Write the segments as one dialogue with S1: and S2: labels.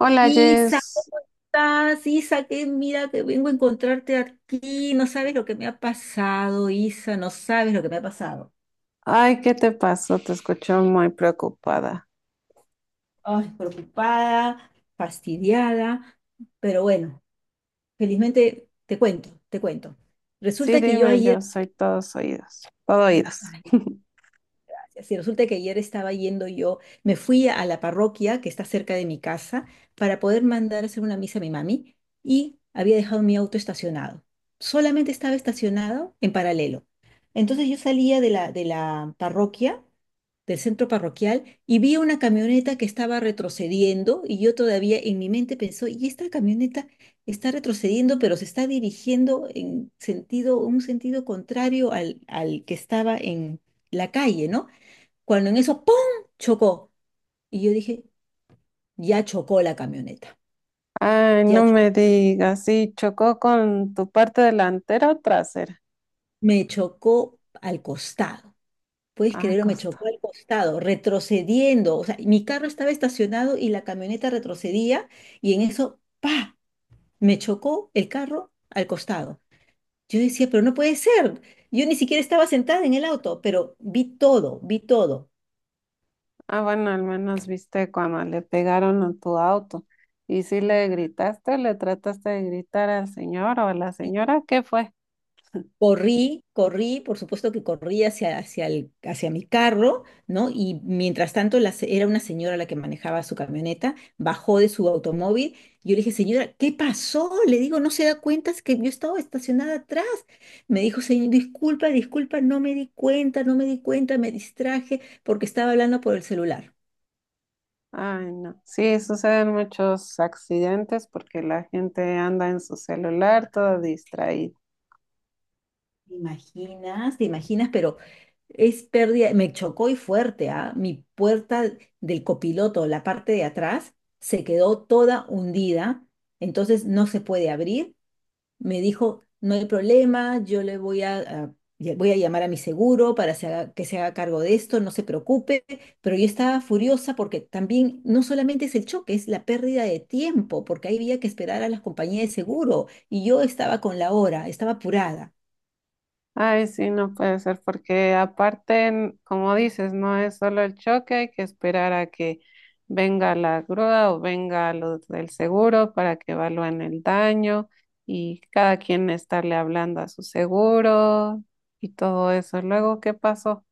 S1: Hola
S2: Isa,
S1: Jess,
S2: ¿cómo estás? Isa, que mira que vengo a encontrarte aquí. No sabes lo que me ha pasado, Isa, no sabes lo que me ha pasado.
S1: ay, ¿qué te pasó? Te escucho muy preocupada.
S2: Ay, preocupada, fastidiada, pero bueno, felizmente te cuento, te cuento.
S1: Sí,
S2: Resulta que yo
S1: dime,
S2: ayer,
S1: yo soy todos oídos, todo oídos.
S2: ay, gracias. Y resulta que ayer estaba yendo yo, me fui a la parroquia que está cerca de mi casa para poder mandar a hacer una misa a mi mami y había dejado mi auto estacionado. Solamente estaba estacionado en paralelo. Entonces yo salía de la parroquia, del centro parroquial, y vi una camioneta que estaba retrocediendo y yo todavía en mi mente pensó, y esta camioneta está retrocediendo, pero se está dirigiendo en sentido, un sentido contrario al que estaba en la calle, ¿no? Cuando en eso, ¡pum!, chocó. Y yo dije, ya chocó la camioneta.
S1: Ay,
S2: Ya
S1: no
S2: cho-
S1: me digas, sí, ¿chocó con tu parte delantera o trasera?
S2: Me chocó al costado. ¿Puedes
S1: Ah,
S2: creerlo? Me
S1: costó.
S2: chocó al costado, retrocediendo. O sea, mi carro estaba estacionado y la camioneta retrocedía y en eso, ¡pa!, me chocó el carro al costado. Yo decía, pero no puede ser. Yo ni siquiera estaba sentada en el auto, pero vi todo, vi todo.
S1: Ah, bueno, al menos viste cuando le pegaron a tu auto. ¿Y si le gritaste o le trataste de gritar al señor o a la señora? ¿Qué fue?
S2: Corrí, corrí, por supuesto que corrí hacia mi carro, ¿no? Y mientras tanto era una señora la que manejaba su camioneta, bajó de su automóvil. Yo le dije, señora, ¿qué pasó? Le digo, ¿no se da cuenta? Es que yo estaba estacionada atrás. Me dijo, señor, disculpa, disculpa, no me di cuenta, no me di cuenta, me distraje porque estaba hablando por el celular.
S1: Ay, no. Sí, suceden muchos accidentes porque la gente anda en su celular toda distraída.
S2: Te imaginas, pero es pérdida, me chocó y fuerte, ¿ah? Mi puerta del copiloto, la parte de atrás, se quedó toda hundida, entonces no se puede abrir. Me dijo, no hay problema, yo le voy a llamar a mi seguro para que se haga cargo de esto, no se preocupe, pero yo estaba furiosa porque también no solamente es el choque, es la pérdida de tiempo, porque ahí había que esperar a las compañías de seguro y yo estaba con la hora, estaba apurada.
S1: Ay, sí, no puede ser, porque aparte, como dices, no es solo el choque, hay que esperar a que venga la grúa o venga los del seguro para que evalúen el daño y cada quien estarle hablando a su seguro y todo eso. Luego, ¿qué pasó?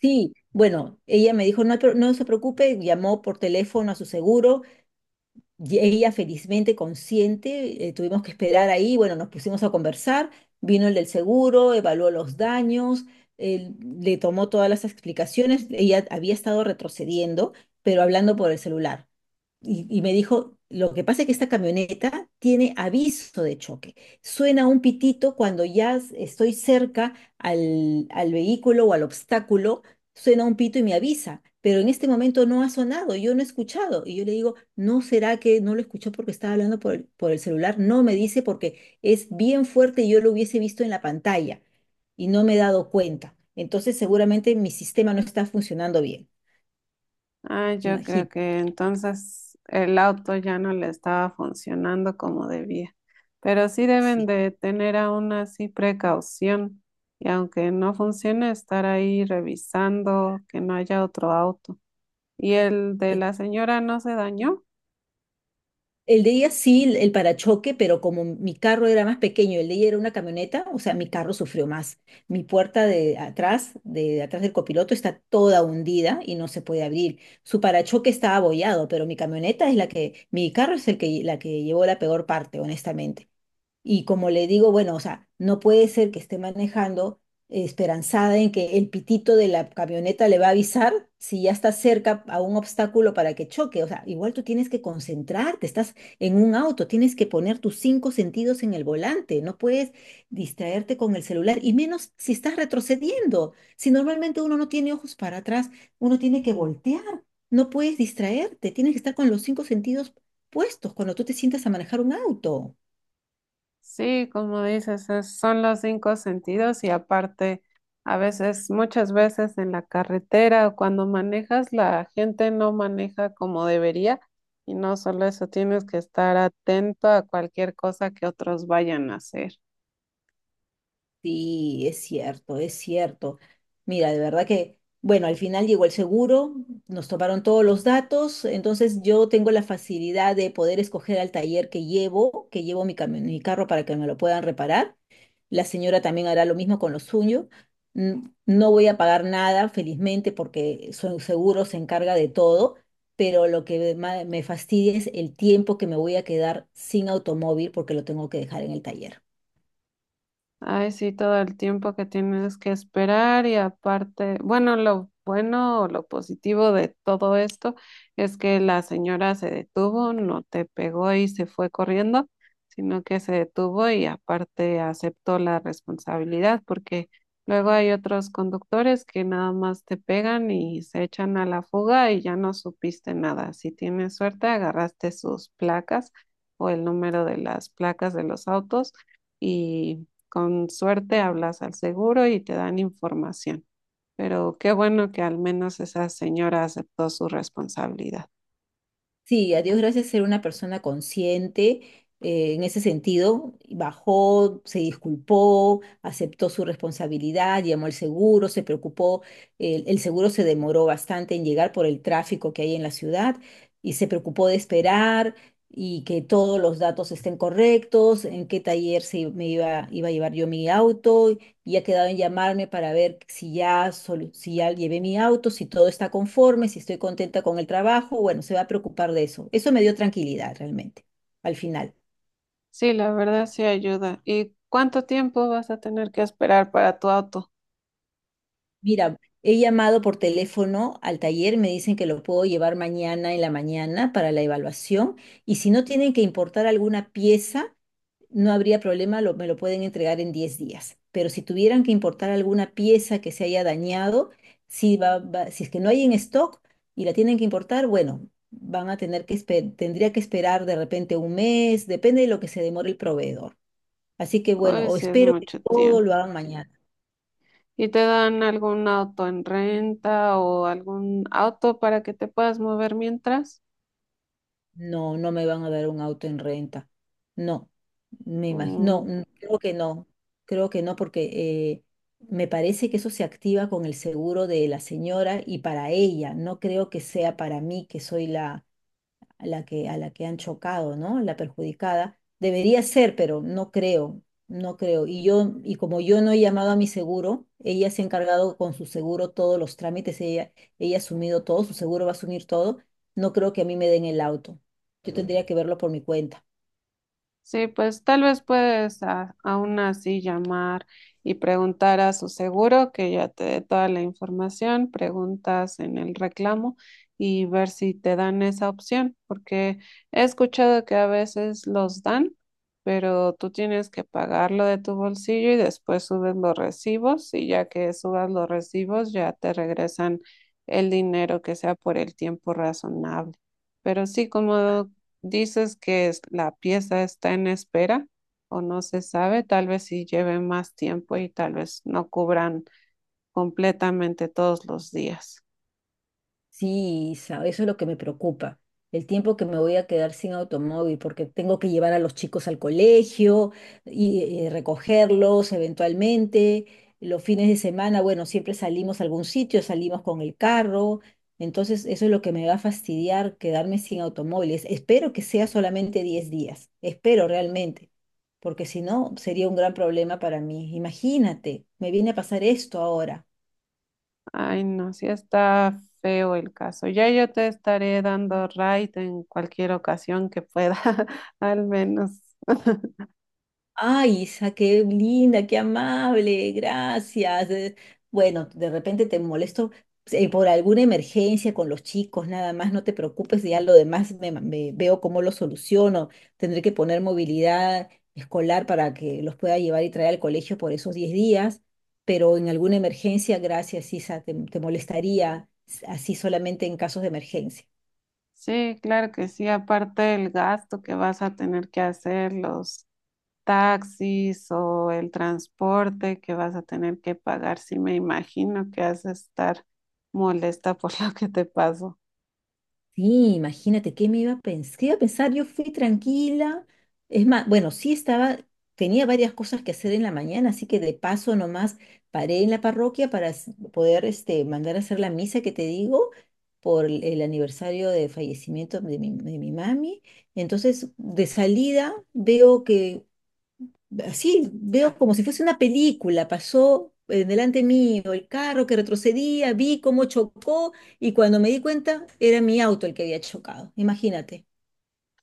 S2: Sí, bueno, ella me dijo, no se preocupe, llamó por teléfono a su seguro, y ella felizmente consciente, tuvimos que esperar ahí, bueno, nos pusimos a conversar, vino el del seguro, evaluó los daños, él le tomó todas las explicaciones, ella había estado retrocediendo, pero hablando por el celular. Y me dijo, lo que pasa es que esta camioneta tiene aviso de choque. Suena un pitito cuando estoy cerca al vehículo o al obstáculo, suena un pito y me avisa, pero en este momento no ha sonado, yo no he escuchado. Y yo le digo, ¿no será que no lo escuchó porque estaba hablando por el celular? No, me dice, porque es bien fuerte y yo lo hubiese visto en la pantalla y no me he dado cuenta. Entonces seguramente mi sistema no está funcionando bien.
S1: Ah, yo creo
S2: Imagínate.
S1: que entonces el auto ya no le estaba funcionando como debía. Pero sí deben
S2: Sí.
S1: de tener aún así precaución y aunque no funcione, estar ahí revisando que no haya otro auto. ¿Y el de la señora no se dañó?
S2: El de ella sí, el parachoque, pero como mi carro era más pequeño, el de ella era una camioneta, o sea, mi carro sufrió más. Mi puerta de atrás del copiloto, está toda hundida y no se puede abrir. Su parachoque está abollado, pero mi camioneta es la que, mi carro es el que, la que llevó la peor parte, honestamente. Y como le digo, bueno, o sea, no puede ser que esté manejando esperanzada en que el pitito de la camioneta le va a avisar si ya está cerca a un obstáculo para que choque. O sea, igual tú tienes que concentrarte, estás en un auto, tienes que poner tus cinco sentidos en el volante, no puedes distraerte con el celular, y menos si estás retrocediendo. Si normalmente uno no tiene ojos para atrás, uno tiene que voltear, no puedes distraerte, tienes que estar con los cinco sentidos puestos cuando tú te sientas a manejar un auto.
S1: Sí, como dices, son los cinco sentidos y aparte, a veces, muchas veces en la carretera o cuando manejas, la gente no maneja como debería y no solo eso, tienes que estar atento a cualquier cosa que otros vayan a hacer.
S2: Sí, es cierto, es cierto. Mira, de verdad que, bueno, al final llegó el seguro, nos tomaron todos los datos, entonces yo tengo la facilidad de poder escoger al taller que llevo mi, mi carro para que me lo puedan reparar. La señora también hará lo mismo con lo suyo. Mm, no voy a pagar nada, felizmente, porque su seguro se encarga de todo, pero lo que me fastidia es el tiempo que me voy a quedar sin automóvil porque lo tengo que dejar en el taller.
S1: Ay, sí, todo el tiempo que tienes que esperar y aparte, bueno, lo bueno o lo positivo de todo esto es que la señora se detuvo, no te pegó y se fue corriendo, sino que se detuvo y aparte aceptó la responsabilidad, porque luego hay otros conductores que nada más te pegan y se echan a la fuga y ya no supiste nada. Si tienes suerte, agarraste sus placas o el número de las placas de los autos. Y con suerte hablas al seguro y te dan información. Pero qué bueno que al menos esa señora aceptó su responsabilidad.
S2: Sí, a Dios gracias ser una persona consciente en ese sentido. Bajó, se disculpó, aceptó su responsabilidad, llamó al seguro, se preocupó. El seguro se demoró bastante en llegar por el tráfico que hay en la ciudad y se preocupó de esperar y que todos los datos estén correctos, en qué taller se, iba a llevar yo mi auto y ha quedado en llamarme para ver si ya, si ya llevé mi auto, si todo está conforme, si estoy contenta con el trabajo. Bueno, se va a preocupar de eso. Eso me dio tranquilidad realmente, al final.
S1: Sí, la verdad sí ayuda. ¿Y cuánto tiempo vas a tener que esperar para tu auto?
S2: Mira, he llamado por teléfono al taller, me dicen que lo puedo llevar mañana en la mañana para la evaluación y si no tienen que importar alguna pieza, no habría problema, me lo pueden entregar en 10 días. Pero si tuvieran que importar alguna pieza que se haya dañado, si es que no hay en stock y la tienen que importar, bueno, van a tener que tendría que esperar de repente 1 mes, depende de lo que se demore el proveedor. Así que bueno,
S1: Hoy
S2: o
S1: sí es
S2: espero que
S1: mucho
S2: todo
S1: tiempo.
S2: lo hagan mañana.
S1: ¿Y te dan algún auto en renta o algún auto para que te puedas mover mientras?
S2: No, no me van a dar un auto en renta. No, me imagino,
S1: Mm.
S2: no, creo que no, creo que no, porque eh, me parece que eso se activa con el seguro de la señora y para ella, no creo que sea para mí, que soy la, a la que han chocado, ¿no? La perjudicada. Debería ser, pero no creo, no creo. Y yo, y como yo no he llamado a mi seguro, ella se ha encargado con su seguro todos los trámites, ella ha asumido todo, su seguro va a asumir todo, no creo que a mí me den el auto. Yo tendría que verlo por mi cuenta.
S1: Sí, pues tal vez puedes aún así llamar y preguntar a su seguro que ya te dé toda la información, preguntas en el reclamo y ver si te dan esa opción, porque he escuchado que a veces los dan, pero tú tienes que pagarlo de tu bolsillo y después subes los recibos y ya que subas los recibos ya te regresan el dinero que sea por el tiempo razonable. Pero sí, como dices que la pieza está en espera o no se sabe, tal vez si lleve más tiempo y tal vez no cubran completamente todos los días.
S2: Sí, Isa, eso es lo que me preocupa. El tiempo que me voy a quedar sin automóvil, porque tengo que llevar a los chicos al colegio y, recogerlos eventualmente. Los fines de semana, bueno, siempre salimos a algún sitio, salimos con el carro. Entonces, eso es lo que me va a fastidiar, quedarme sin automóviles. Espero que sea solamente 10 días. Espero realmente, porque si no, sería un gran problema para mí. Imagínate, me viene a pasar esto ahora.
S1: Ay, no, sí está feo el caso. Ya yo te estaré dando right en cualquier ocasión que pueda, al menos.
S2: Ay, Isa, qué linda, qué amable, gracias. Bueno, de repente te molesto por alguna emergencia con los chicos, nada más, no te preocupes, ya lo demás me, me veo cómo lo soluciono. Tendré que poner movilidad escolar para que los pueda llevar y traer al colegio por esos 10 días, pero en alguna emergencia, gracias, Isa, te molestaría así solamente en casos de emergencia.
S1: Sí, claro que sí, aparte el gasto que vas a tener que hacer, los taxis o el transporte que vas a tener que pagar, sí me imagino que has de estar molesta por lo que te pasó.
S2: Sí, imagínate qué me iba a pensar. ¿Qué iba a pensar? Yo fui tranquila. Es más, bueno, sí estaba, tenía varias cosas que hacer en la mañana, así que de paso nomás paré en la parroquia para poder este, mandar a hacer la misa que te digo por el aniversario de fallecimiento de mi mami. Entonces, de salida veo que, así veo como si fuese una película. Pasó, delante mío el carro que retrocedía, vi cómo chocó y cuando me di cuenta era mi auto el que había chocado. Imagínate.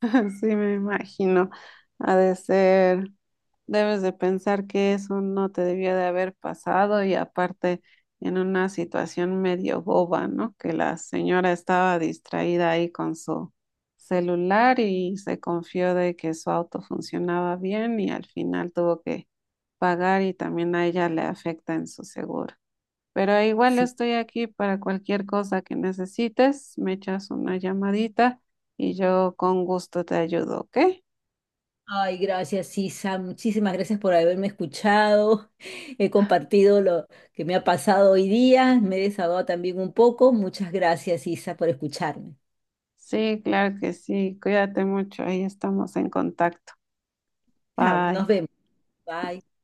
S1: Sí me imagino. Ha de ser, debes de pensar que eso no te debía de haber pasado y aparte en una situación medio boba, ¿no? Que la señora estaba distraída ahí con su celular y se confió de que su auto funcionaba bien y al final tuvo que pagar y también a ella le afecta en su seguro. Pero igual
S2: Sí.
S1: estoy aquí para cualquier cosa que necesites, me echas una llamadita y yo con gusto te ayudo, ¿ok?
S2: Ay, gracias, Isa. Muchísimas gracias por haberme escuchado. He compartido lo que me ha pasado hoy día. Me he desahogado también un poco. Muchas gracias, Isa, por escucharme.
S1: Sí, claro que sí, cuídate mucho, ahí estamos en contacto.
S2: Chao, nos
S1: Bye.
S2: vemos. Bye.